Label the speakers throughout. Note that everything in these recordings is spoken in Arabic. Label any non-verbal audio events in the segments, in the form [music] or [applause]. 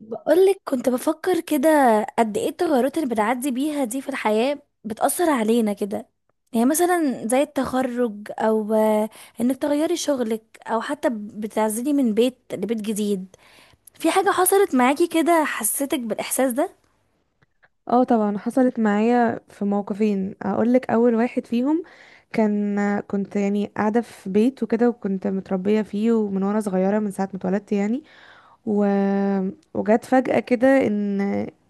Speaker 1: بقولك كنت بفكر كده. قد ايه التغيرات اللي بتعدي بيها دي في الحياة بتأثر علينا كده؟ يعني مثلا زي التخرج او انك تغيري شغلك او حتى بتعزلي من بيت لبيت جديد. في حاجة حصلت معاكي كده حسيتك بالإحساس ده؟
Speaker 2: اه، طبعا حصلت معايا في موقفين. اقول لك اول واحد فيهم. كنت يعني قاعده في بيت وكده، وكنت متربيه فيه، ومن وانا صغيره من ساعه ما اتولدت يعني. و... وجت فجأة كده ان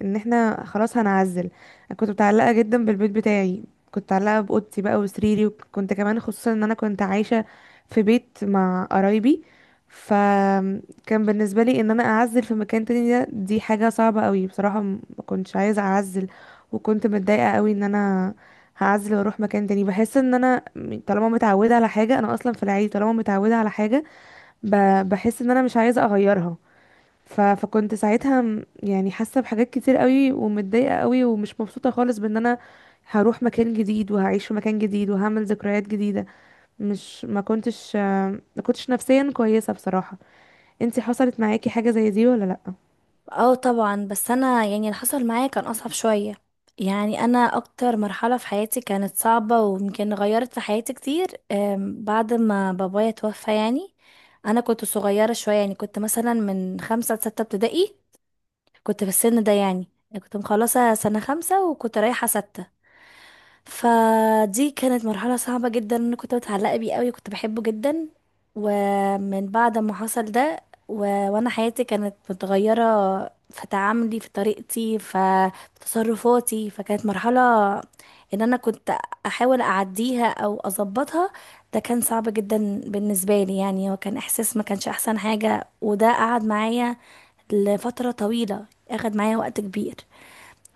Speaker 2: احنا خلاص هنعزل. انا كنت متعلقة جدا بالبيت بتاعي، كنت متعلقة بأوضتي بقى وسريري، وكنت كمان خصوصا ان انا كنت عايشة في بيت مع قرايبي. فكان بالنسبة لي ان انا اعزل في مكان تاني ده، دي حاجة صعبة قوي بصراحة. ما كنتش عايزة اعزل، وكنت متضايقة قوي ان انا هعزل واروح مكان تاني. بحس ان انا طالما متعودة على حاجة، انا اصلا في العادي طالما متعودة على حاجة بحس ان انا مش عايزة اغيرها. فكنت ساعتها يعني حاسه بحاجات كتير قوي، ومتضايقه قوي ومش مبسوطه خالص، بان انا هروح مكان جديد وهعيش في مكان جديد وهعمل ذكريات جديده. مش ما كنتش آه، ما كنتش نفسيا كويسه بصراحه. انتي حصلت معاكي حاجه زي دي ولا لا؟
Speaker 1: اه طبعا. بس انا يعني اللي حصل معايا كان اصعب شوية. يعني انا اكتر مرحلة في حياتي كانت صعبة ويمكن غيرت في حياتي كتير، بعد ما بابايا توفى يعني. انا كنت صغيرة شوية، يعني كنت مثلا من 5 لستة ابتدائي، كنت في السن ده. يعني كنت مخلصة سنة 5 وكنت رايحة 6. فدي كانت مرحلة صعبة جدا، انا كنت متعلقة بيه قوي كنت بحبه جدا. ومن بعد ما حصل ده و... وانا حياتي كانت متغيرة في تعاملي، في طريقتي، في تصرفاتي. فكانت مرحلة ان انا كنت احاول اعديها او اظبطها. ده كان صعب جدا بالنسبة لي، يعني هو كان احساس ما كانش احسن حاجة، وده قعد معايا لفترة طويلة، اخد معايا وقت كبير.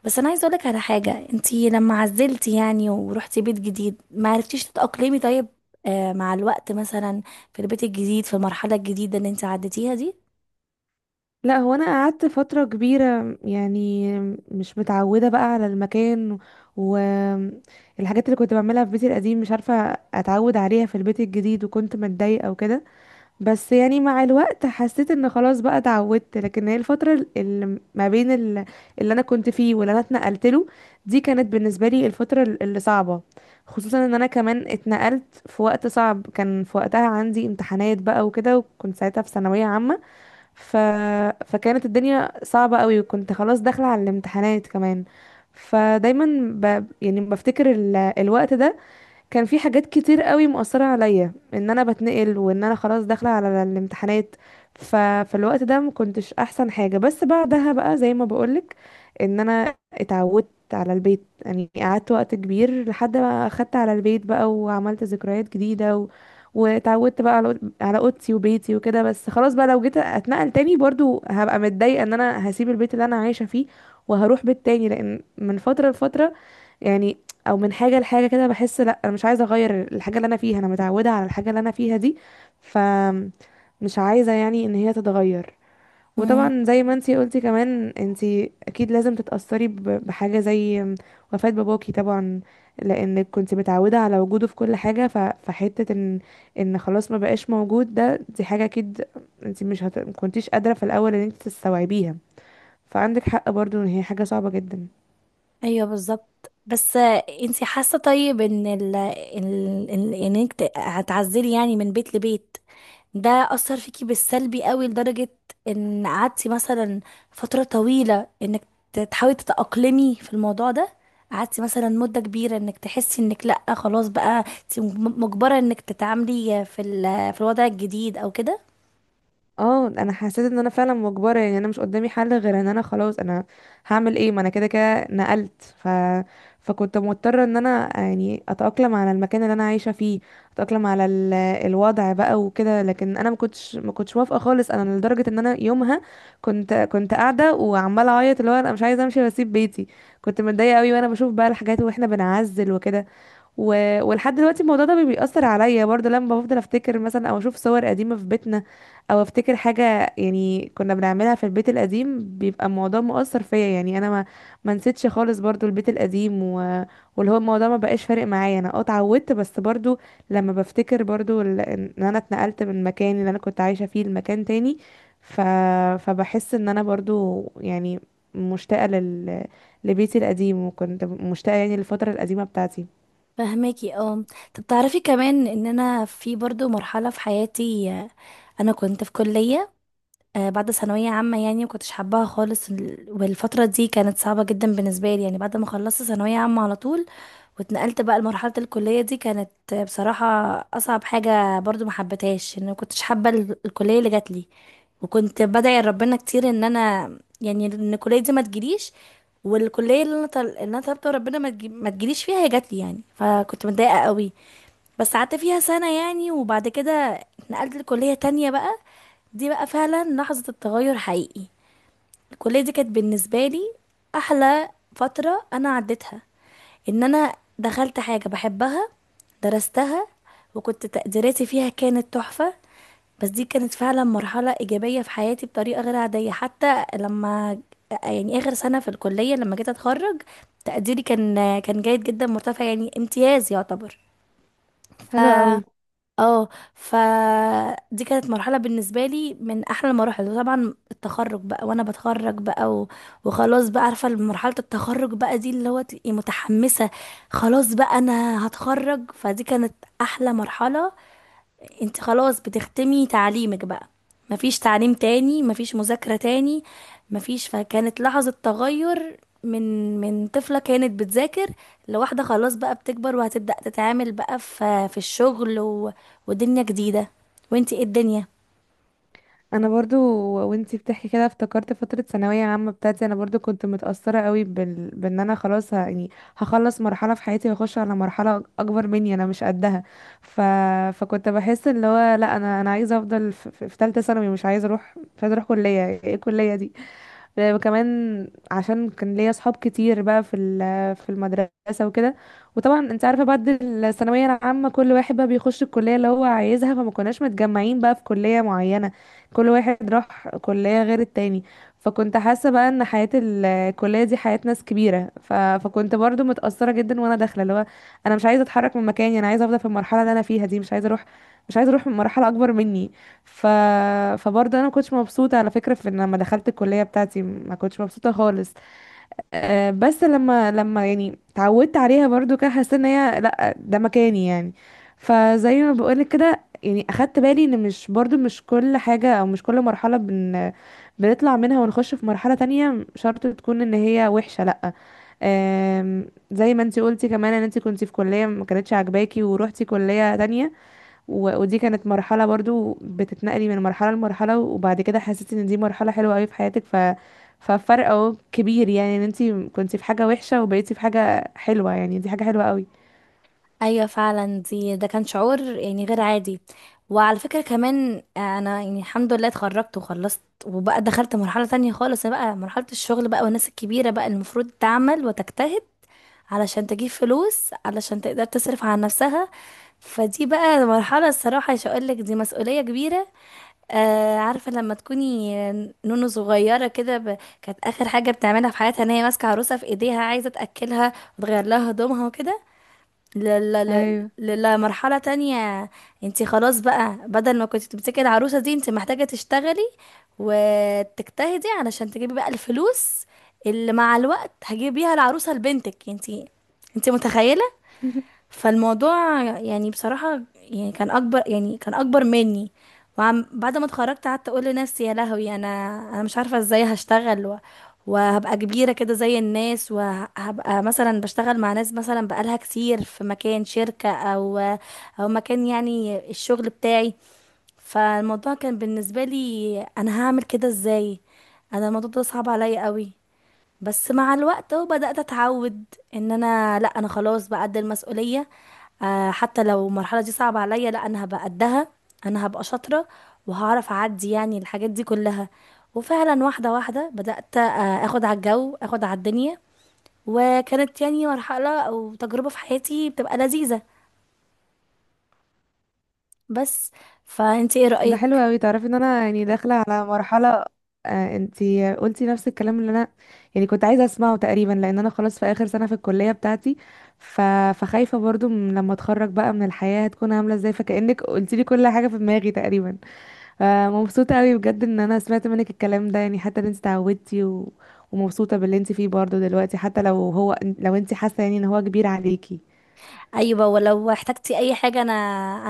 Speaker 1: بس انا عايزه اقولك على حاجه، انتي لما عزلتي يعني ورحتي بيت جديد ما عرفتيش تتاقلمي؟ طيب، آه مع الوقت مثلا، في البيت الجديد، في المرحله الجديده اللي انتي عديتيها دي؟
Speaker 2: لا، هو انا قعدت فتره كبيره يعني مش متعوده بقى على المكان، والحاجات اللي كنت بعملها في بيتي القديم مش عارفه اتعود عليها في البيت الجديد، وكنت متضايقه وكده. بس يعني مع الوقت حسيت ان خلاص بقى اتعودت، لكن هي الفترة اللي ما بين اللي انا كنت فيه واللي انا اتنقلت له، دي كانت بالنسبة لي الفترة اللي صعبة. خصوصا ان انا كمان اتنقلت في وقت صعب، كان في وقتها عندي امتحانات بقى وكده، وكنت ساعتها في ثانوية عامة. ف... فكانت الدنيا صعبة قوي، وكنت خلاص داخلة على الامتحانات كمان. فدايما يعني بفتكر الوقت ده كان في حاجات كتير قوي مؤثرة عليا، ان انا بتنقل وان انا خلاص داخلة على الامتحانات. فالوقت ده ما كنتش احسن حاجة. بس بعدها بقى، زي ما بقولك، ان انا اتعودت على البيت. يعني قعدت وقت كبير لحد ما اخدت على البيت بقى، وعملت ذكريات جديدة، واتعودت بقى على اوضتي وبيتي وكده. بس خلاص بقى لو جيت اتنقل تاني برضو هبقى متضايقة ان انا هسيب البيت اللي انا عايشة فيه وهروح بيت تاني. لان من فترة لفترة يعني، او من حاجه لحاجه كده، بحس لا، انا مش عايزه اغير الحاجه اللي انا فيها، انا متعوده على الحاجه اللي انا فيها دي. ف مش عايزه يعني ان هي تتغير.
Speaker 1: امم.
Speaker 2: وطبعا زي ما انتي قلتي كمان، انتي اكيد لازم تتاثري بحاجه زي وفاه باباكي طبعا، لانك كنت متعوده على وجوده في كل حاجه. فحته ان خلاص ما بقاش موجود ده، دي حاجه اكيد انتي مش هت... ما كنتيش قادره في الاول ان انتي تستوعبيها. فعندك حق برضو ان هي حاجه صعبه جدا.
Speaker 1: ايوه بالظبط. بس انتي حاسه طيب ان انك هتعزلي يعني من بيت لبيت، ده أثر فيكي بالسلبي قوي، لدرجة إن قعدتي مثلا فترة طويلة إنك تحاولي تتأقلمي في الموضوع ده؟ قعدتي مثلا مدة كبيرة إنك تحسي إنك لأ خلاص بقى انت مجبرة إنك تتعاملي في في الوضع الجديد أو كده؟
Speaker 2: اه، انا حسيت ان انا فعلا مجبره. يعني انا مش قدامي حل غير ان انا خلاص. انا هعمل ايه، ما انا كده كده نقلت. فكنت مضطره ان انا يعني اتاقلم على المكان اللي انا عايشه فيه، اتاقلم على الوضع بقى وكده. لكن انا ما كنتش موافقه خالص، انا لدرجه ان انا يومها كنت قاعده وعماله اعيط، اللي هو انا مش عايزه امشي واسيب بيتي. كنت متضايقه قوي وانا بشوف بقى الحاجات واحنا بنعزل وكده. و... ولحد دلوقتي الموضوع ده بيأثر عليا برضه، لما بفضل افتكر مثلا او اشوف صور قديمة في بيتنا، او افتكر حاجة يعني كنا بنعملها في البيت القديم، بيبقى الموضوع مؤثر فيا. يعني انا ما نسيتش خالص برضه البيت القديم. واللي هو الموضوع ما بقاش فارق معايا، انا اتعودت، بس برضه لما بفتكر برضه ان انا اتنقلت من مكان اللي انا كنت عايشة فيه لمكان تاني، ف... فبحس ان انا برضه يعني مشتاقة لبيتي القديم، وكنت مشتاقة يعني للفترة القديمة بتاعتي.
Speaker 1: فهماكي اه. طب تعرفي كمان إن أنا في برضو مرحلة في حياتي، أنا كنت في كلية بعد ثانوية عامة، يعني مكنتش حباها خالص. والفترة دي كانت صعبة جدا بالنسبة لي، يعني بعد ما خلصت ثانوية عامة على طول واتنقلت بقى لمرحلة الكلية. دي كانت بصراحة أصعب حاجة، برضو ما حبيتهاش. إن ما كنتش حابة الكلية اللي جات لي، وكنت بدعي لربنا كتير إن أنا يعني إن الكلية دي ما تجيليش. والكلية اللي اللي أنا طلبت ربنا ما تجيليش فيها هي جات لي، يعني فكنت متضايقة قوي. بس قعدت فيها سنة يعني، وبعد كده اتنقلت لكلية تانية بقى. دي بقى فعلا لحظة التغير حقيقي. الكلية دي كانت بالنسبة لي أحلى فترة أنا عديتها، إن أنا دخلت حاجة بحبها، درستها، وكنت تقديراتي فيها كانت تحفة. بس دي كانت فعلا مرحلة إيجابية في حياتي بطريقة غير عادية. حتى لما يعني آخر سنة في الكلية لما جيت أتخرج، تقديري كان جيد جدا مرتفع، يعني امتياز يعتبر.
Speaker 2: حلو قوي.
Speaker 1: اه. فدي كانت مرحلة بالنسبة لي من أحلى المراحل. وطبعا التخرج بقى وأنا بتخرج بقى وخلاص بقى، عارفة مرحلة التخرج بقى دي اللي هو تبقي متحمسة. خلاص بقى أنا هتخرج، فدي كانت أحلى مرحلة. انت خلاص بتختمي تعليمك بقى، مفيش تعليم تاني، مفيش مذاكرة تاني، مفيش. فكانت لحظة تغير من طفلة كانت بتذاكر لواحدة خلاص بقى بتكبر وهتبدأ تتعامل بقى في الشغل ودنيا جديدة. وانتي ايه الدنيا؟
Speaker 2: انا برضو وانتي بتحكي كده افتكرت فتره ثانويه عامه بتاعتي. انا برضو كنت متاثره قوي بان انا خلاص يعني هخلص مرحله في حياتي واخش على مرحله اكبر مني انا مش قدها. ف... فكنت بحس اللي هو لا، انا عايزه افضل في ثالثه ثانوي، مش عايزه اروح كليه، ايه الكليه دي؟ وكمان عشان كان ليا اصحاب كتير بقى في المدرسه وكده. وطبعا انت عارفه بعد الثانويه العامه كل واحد بقى بيخش الكليه اللي هو عايزها، فما كناش متجمعين بقى في كليه معينه، كل واحد راح كليه غير التاني. فكنت حاسه بقى ان حياه الكليه دي حياه ناس كبيره. فكنت برضو متاثره جدا وانا داخله، اللي هو انا مش عايزه اتحرك من مكاني، انا عايزه افضل في المرحله اللي انا فيها دي، مش عايزه اروح من مرحله اكبر مني. ف... فبرضه انا ما كنتش مبسوطه على فكره، في ان لما دخلت الكليه بتاعتي ما كنتش مبسوطه خالص. أه، بس لما يعني اتعودت عليها برضه كده، حسيت ان هي لا، ده مكاني يعني. فزي ما بقولك كده يعني، اخدت بالي ان مش كل حاجه او مش كل مرحله بنطلع منها ونخش في مرحله تانية شرط تكون ان هي وحشه، لا. أم، زي ما انتي قلتي كمان، ان انتي كنتي في كليه ما كانتش عاجباكي وروحتي كليه تانية، ودي كانت مرحلة برضو بتتنقلي من مرحلة لمرحلة، وبعد كده حسيتي ان دي مرحلة حلوة قوي في حياتك. ففرق اهو كبير، يعني ان انتي كنتي في حاجة وحشة وبقيتي في حاجة حلوة، يعني دي حاجة حلوة قوي.
Speaker 1: ايوه فعلا. ده كان شعور يعني غير عادي. وعلى فكرة كمان انا يعني الحمد لله اتخرجت وخلصت وبقى دخلت مرحلة تانية خالص، بقى مرحلة الشغل بقى والناس الكبيرة بقى المفروض تعمل وتجتهد علشان تجيب فلوس علشان تقدر تصرف على نفسها. فدي بقى مرحلة، الصراحة مش هقولك، دي مسؤولية كبيرة. آه عارفة لما تكوني نونو صغيرة كده، كانت آخر حاجة بتعملها في حياتها ان هي ماسكة عروسة في ايديها عايزة تأكلها وتغير لها هدومها وكده،
Speaker 2: ايوه.
Speaker 1: لمرحلة تانية. انت خلاص بقى بدل ما كنت بتمسكي العروسة دي انت محتاجة تشتغلي وتجتهدي علشان تجيبي بقى الفلوس اللي مع الوقت هجيب بيها العروسة لبنتك انت. انت متخيلة؟
Speaker 2: [laughs]
Speaker 1: فالموضوع يعني بصراحة يعني كان أكبر، يعني كان أكبر مني. وعم بعد ما اتخرجت قعدت أقول لنفسي يا لهوي، أنا أنا مش عارفة إزاي هشتغل وهبقى كبيرة كده زي الناس، وهبقى مثلا بشتغل مع ناس مثلا بقالها كتير في مكان شركة أو مكان يعني الشغل بتاعي. فالموضوع كان بالنسبة لي أنا هعمل كده إزاي؟ أنا الموضوع ده صعب عليا قوي. بس مع الوقت اهو بدأت اتعود ان انا لا انا خلاص بقى قد المسؤولية. آه حتى لو المرحلة دي صعبة عليا لا انا هبقى قدها، انا هبقى شاطرة وهعرف اعدي يعني الحاجات دي كلها. وفعلا واحدة واحدة بدأت اخد على الجو، اخد على الدنيا. وكانت يعني مرحلة او تجربة في حياتي بتبقى لذيذة بس. فانت ايه
Speaker 2: ده حلو
Speaker 1: رأيك؟
Speaker 2: قوي. تعرفي ان انا يعني داخلة على مرحلة. انتي قلتي نفس الكلام اللي انا يعني كنت عايزة اسمعه تقريبا، لان انا خلاص في اخر سنة في الكلية بتاعتي. ف... فخايفة برضو من لما اتخرج بقى من الحياة هتكون عاملة ازاي. فكأنك قلتي لي كل حاجة في دماغي تقريبا. فمبسوطة قوي بجد ان انا سمعت منك الكلام ده، يعني حتى ان انت اتعودتي ومبسوطة باللي انت فيه برضه دلوقتي، حتى لو انت حاسة يعني ان هو كبير عليكي.
Speaker 1: ايوه، ولو احتجتي اي حاجه انا،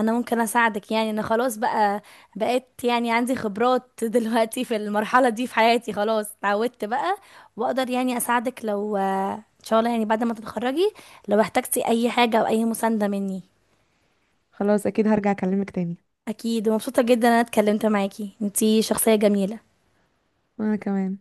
Speaker 1: انا ممكن اساعدك. يعني انا خلاص بقى بقيت يعني عندي خبرات [laughs] دلوقتي في المرحله دي في حياتي، خلاص اتعودت بقى واقدر يعني اساعدك. لو ان شاء الله يعني بعد ما تتخرجي لو احتجتي اي حاجه او اي مسانده مني.
Speaker 2: خلاص، اكيد هرجع اكلمك تاني.
Speaker 1: اكيد، ومبسوطه جدا إن انا اتكلمت معاكي، انتي شخصيه جميله.
Speaker 2: وانا كمان.